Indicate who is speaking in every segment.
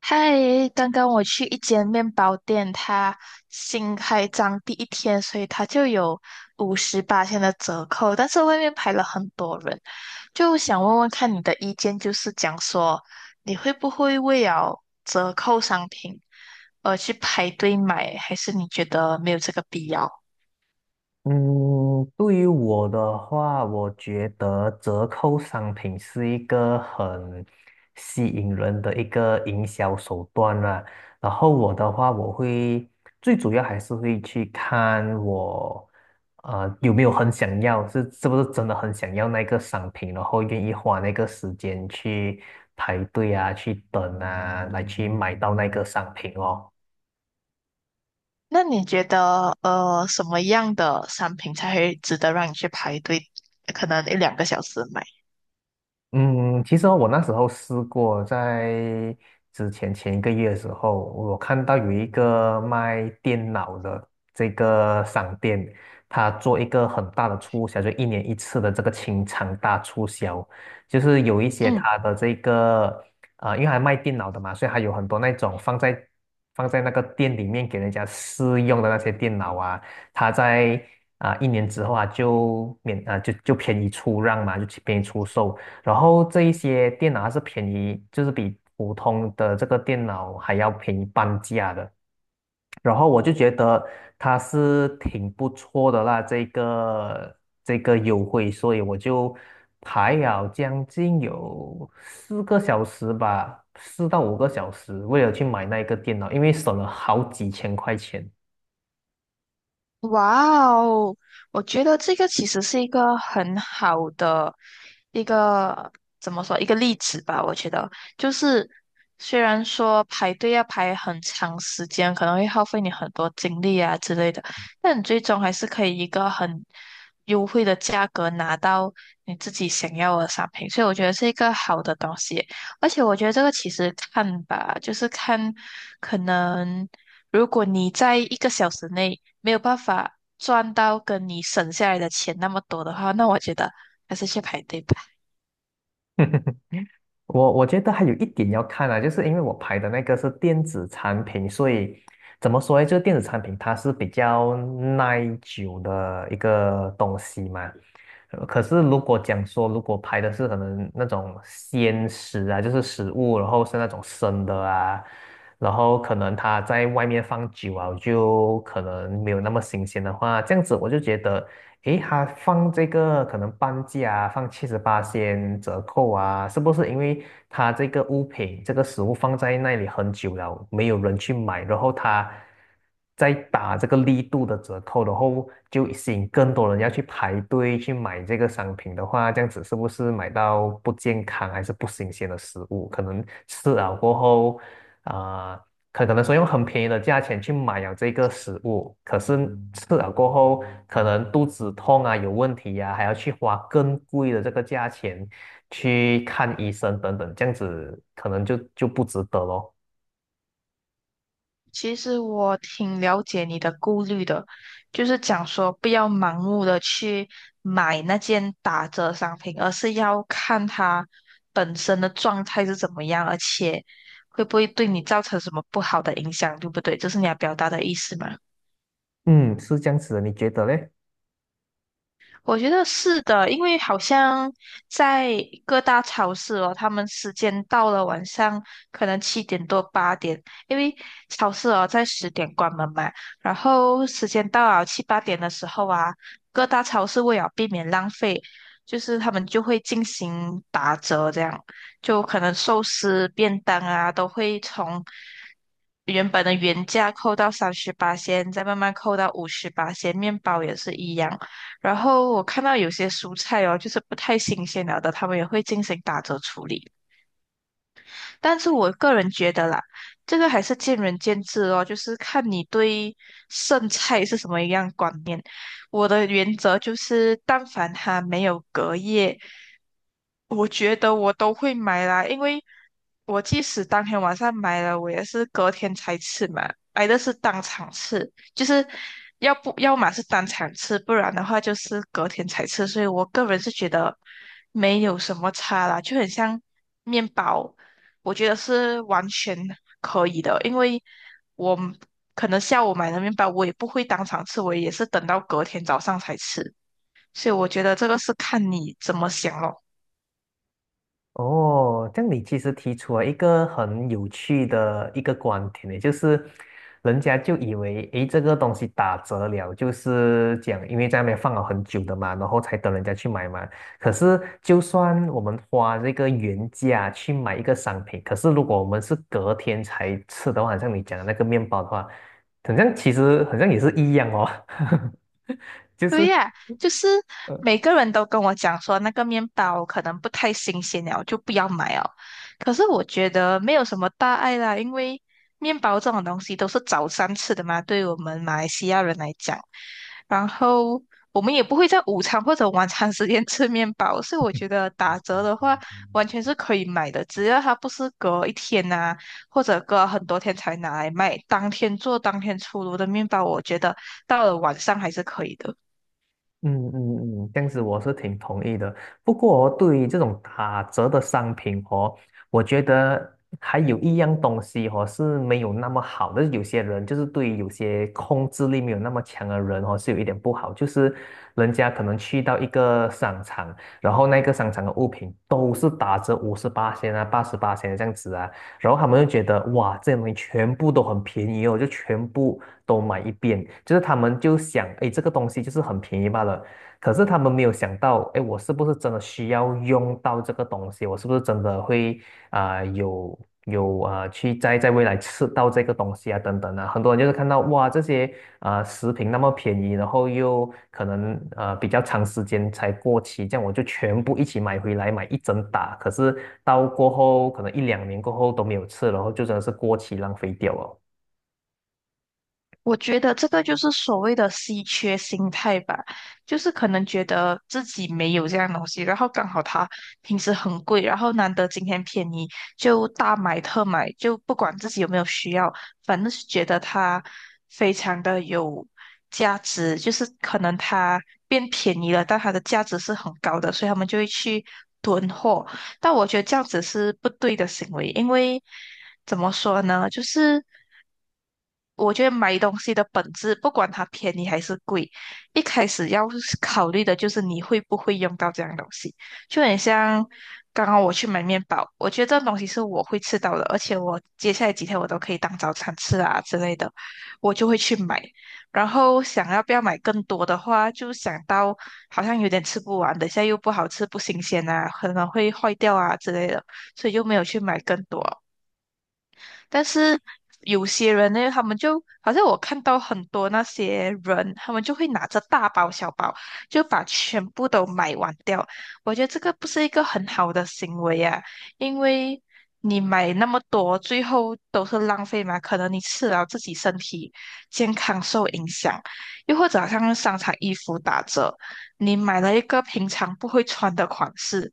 Speaker 1: 嗨，刚刚我去一间面包店，它新开张第一天，所以它就有58天的折扣，但是外面排了很多人，就想问问看你的意见，就是讲说你会不会为了折扣商品而去排队买，还是你觉得没有这个必要？
Speaker 2: 嗯，对于我的话，我觉得折扣商品是一个很吸引人的一个营销手段啦。然后我的话，我会最主要还是会去看我有没有很想要，是不是真的很想要那个商品，然后愿意花那个时间去排队啊，去等啊，来去买到那个商品哦。
Speaker 1: 那你觉得什么样的商品才会值得让你去排队，可能一两个小时买？
Speaker 2: 嗯，其实哦我那时候试过，在前一个月的时候，我看到有一个卖电脑的这个商店，他做一个很大的促销，就一年一次的这个清仓大促销，就是有一些
Speaker 1: 嗯。
Speaker 2: 他的这个因为还卖电脑的嘛，所以还有很多那种放在那个店里面给人家试用的那些电脑啊，他在一年之后啊就免啊就就便宜出让嘛，就便宜出售。然后这一些电脑还是便宜，就是比普通的这个电脑还要便宜半价的。然后我就觉得它是挺不错的啦，这个优惠，所以我就排了将近有4个小时吧，4到5个小时，为了去买那个电脑，因为省了好几千块钱。
Speaker 1: 哇哦，我觉得这个其实是一个很好的一个怎么说一个例子吧。我觉得就是虽然说排队要排很长时间，可能会耗费你很多精力啊之类的，但你最终还是可以一个很优惠的价格拿到你自己想要的商品，所以我觉得是一个好的东西。而且我觉得这个其实看吧，就是看可能。如果你在1个小时内没有办法赚到跟你省下来的钱那么多的话，那我觉得还是去排队吧。
Speaker 2: 我觉得还有一点要看啊，就是因为我拍的那个是电子产品，所以怎么说呢？就是电子产品它是比较耐久的一个东西嘛，可是如果讲说，如果拍的是可能那种鲜食啊，就是食物，然后是那种生的啊，然后可能他在外面放久啊，就可能没有那么新鲜的话，这样子我就觉得，诶，他放这个可能半价啊，放78先折扣啊，是不是因为他这个物品这个食物放在那里很久了，没有人去买，然后他再打这个力度的折扣，然后就吸引更多人要去排队去买这个商品的话，这样子是不是买到不健康还是不新鲜的食物？可能吃了过后，啊、可能说用很便宜的价钱去买了这个食物，可是吃了过后，可能肚子痛啊，有问题呀、还要去花更贵的这个价钱去看医生等等，这样子可能就不值得咯。
Speaker 1: 其实我挺了解你的顾虑的，就是讲说不要盲目的去买那件打折商品，而是要看它本身的状态是怎么样，而且会不会对你造成什么不好的影响，对不对？这是你要表达的意思吗？
Speaker 2: 嗯，是这样子的，你觉得嘞？
Speaker 1: 我觉得是的，因为好像在各大超市哦，他们时间到了晚上可能7点多8点，因为超市哦在10点关门嘛，然后时间到了七八点的时候啊，各大超市为了避免浪费，就是他们就会进行打折，这样就可能寿司、便当啊都会从原本的原价扣到38先，再慢慢扣到58先，面包也是一样。然后我看到有些蔬菜哦，就是不太新鲜了的，他们也会进行打折处理。但是我个人觉得啦，这个还是见仁见智哦，就是看你对剩菜是什么样观念。我的原则就是，但凡它没有隔夜，我觉得我都会买啦，因为我即使当天晚上买了，我也是隔天才吃嘛，买的是当场吃，就是要不要么是当场吃，不然的话就是隔天才吃，所以我个人是觉得没有什么差啦，就很像面包，我觉得是完全可以的，因为我可能下午买的面包，我也不会当场吃，我也是等到隔天早上才吃，所以我觉得这个是看你怎么想咯。
Speaker 2: 哦，这样你其实提出了一个很有趣的一个观点呢，就是人家就以为，诶，这个东西打折了，就是讲因为在那边放了很久的嘛，然后才等人家去买嘛。可是就算我们花这个原价去买一个商品，可是如果我们是隔天才吃的话，好像你讲的那个面包的话，好像其实好像也是一样哦，就
Speaker 1: 对
Speaker 2: 是。
Speaker 1: 呀，就是每个人都跟我讲说那个面包可能不太新鲜了，就不要买哦。可是我觉得没有什么大碍啦，因为面包这种东西都是早餐吃的嘛，对我们马来西亚人来讲，然后我们也不会在午餐或者晚餐时间 吃面包，所以我觉得打折的话完全是可以买的，只要它不是隔一天呐、或者隔很多天才拿来卖，当天做当天出炉的面包，我觉得到了晚上还是可以的。
Speaker 2: 嗯嗯嗯，这样子我是挺同意的。不过哦对于这种打折的商品哦，我觉得还有一样东西哦是没有那么好的。有些人就是对于有些控制力没有那么强的人哦，是有一点不好。就是人家可能去到一个商场，然后那个商场的物品都是打折58啊、88这样子啊，然后他们就觉得哇，这些东西全部都很便宜哦，就全部都买一遍。就是他们就想，哎，这个东西就是很便宜罢了。可是他们没有想到，哎，我是不是真的需要用到这个东西？我是不是真的会有有啊、去在未来吃到这个东西啊等等啊，很多人就是看到哇这些食品那么便宜，然后又可能比较长时间才过期，这样我就全部一起买回来买一整打，可是到过后可能一两年过后都没有吃，然后就真的是过期浪费掉了。
Speaker 1: 我觉得这个就是所谓的稀缺心态吧，就是可能觉得自己没有这样东西，然后刚好它平时很贵，然后难得今天便宜，就大买特买，就不管自己有没有需要，反正是觉得它非常的有价值，就是可能它变便宜了，但它的价值是很高的，所以他们就会去囤货。但我觉得这样子是不对的行为，因为怎么说呢，就是。我觉得买东西的本质，不管它便宜还是贵，一开始要是考虑的就是你会不会用到这样东西。就很像刚刚我去买面包，我觉得这种东西是我会吃到的，而且我接下来几天我都可以当早餐吃啊之类的，我就会去买。然后想要不要买更多的话，就想到好像有点吃不完，等一下又不好吃、不新鲜啊，可能会坏掉啊之类的，所以就没有去买更多。但是有些人呢，他们就好像我看到很多那些人，他们就会拿着大包小包，就把全部都买完掉。我觉得这个不是一个很好的行为啊，因为你买那么多，最后都是浪费嘛。可能你吃了自己身体健康受影响，又或者好像商场衣服打折，你买了一个平常不会穿的款式。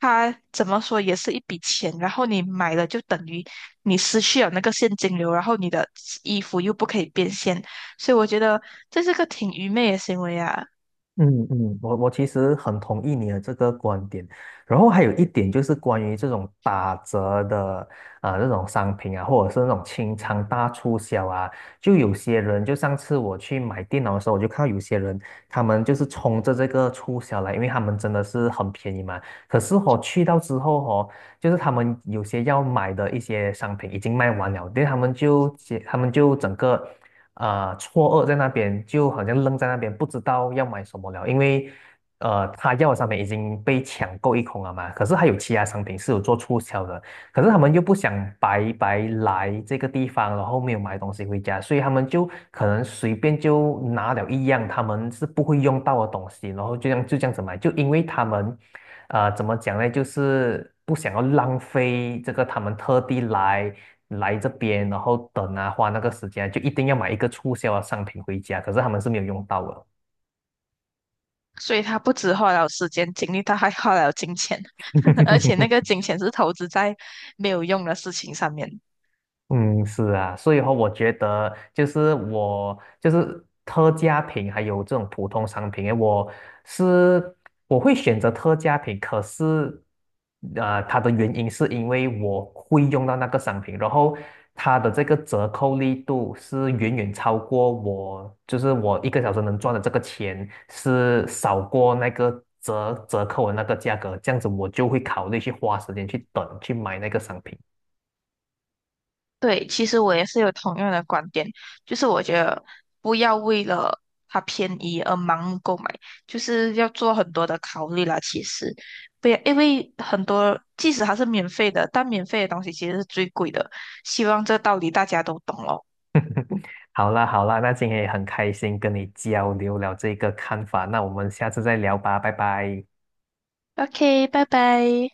Speaker 1: 它怎么说也是一笔钱，然后你买了就等于你失去了那个现金流，然后你的衣服又不可以变现，所以我觉得这是个挺愚昧的行为啊。
Speaker 2: 嗯嗯，我其实很同意你的这个观点，然后还有一点就是关于这种打折的啊，这种商品啊，或者是那种清仓大促销啊，就有些人就上次我去买电脑的时候，我就看到有些人他们就是冲着这个促销来，因为他们真的是很便宜嘛。可是去到之后哦，就是他们有些要买的一些商品已经卖完了，对，他们就整个。错愕在那边，就好像愣在那边，不知道要买什么了，因为他要的商品已经被抢购一空了嘛，可是还有其他商品是有做促销的，可是他们又不想白白来这个地方，然后没有买东西回家，所以他们就可能随便就拿了一样他们是不会用到的东西，然后就这样子买，就因为他们怎么讲呢？就是不想要浪费这个他们特地来这边，然后等啊，花那个时间啊，就一定要买一个促销的商品回家，可是他们是没有用到的。
Speaker 1: 所以他不止花了时间精力，他还花了金钱，而且那 个金钱是投资在没有用的事情上面。
Speaker 2: 嗯，是啊，所以话我觉得就是我就是特价品，还有这种普通商品，诶我是会选择特价品，可是它的原因是因为我会用到那个商品，然后它的这个折扣力度是远远超过我，就是我1个小时能赚的这个钱是少过那个折扣的那个价格，这样子我就会考虑去花时间去等去买那个商品。
Speaker 1: 对，其实我也是有同样的观点，就是我觉得不要为了它便宜而盲目购买，就是要做很多的考虑啦。其实，不要，因为很多即使它是免费的，但免费的东西其实是最贵的。希望这道理大家都懂咯。
Speaker 2: 好啦好啦，那今天也很开心跟你交流了这个看法，那我们下次再聊吧，拜拜。
Speaker 1: OK，拜拜。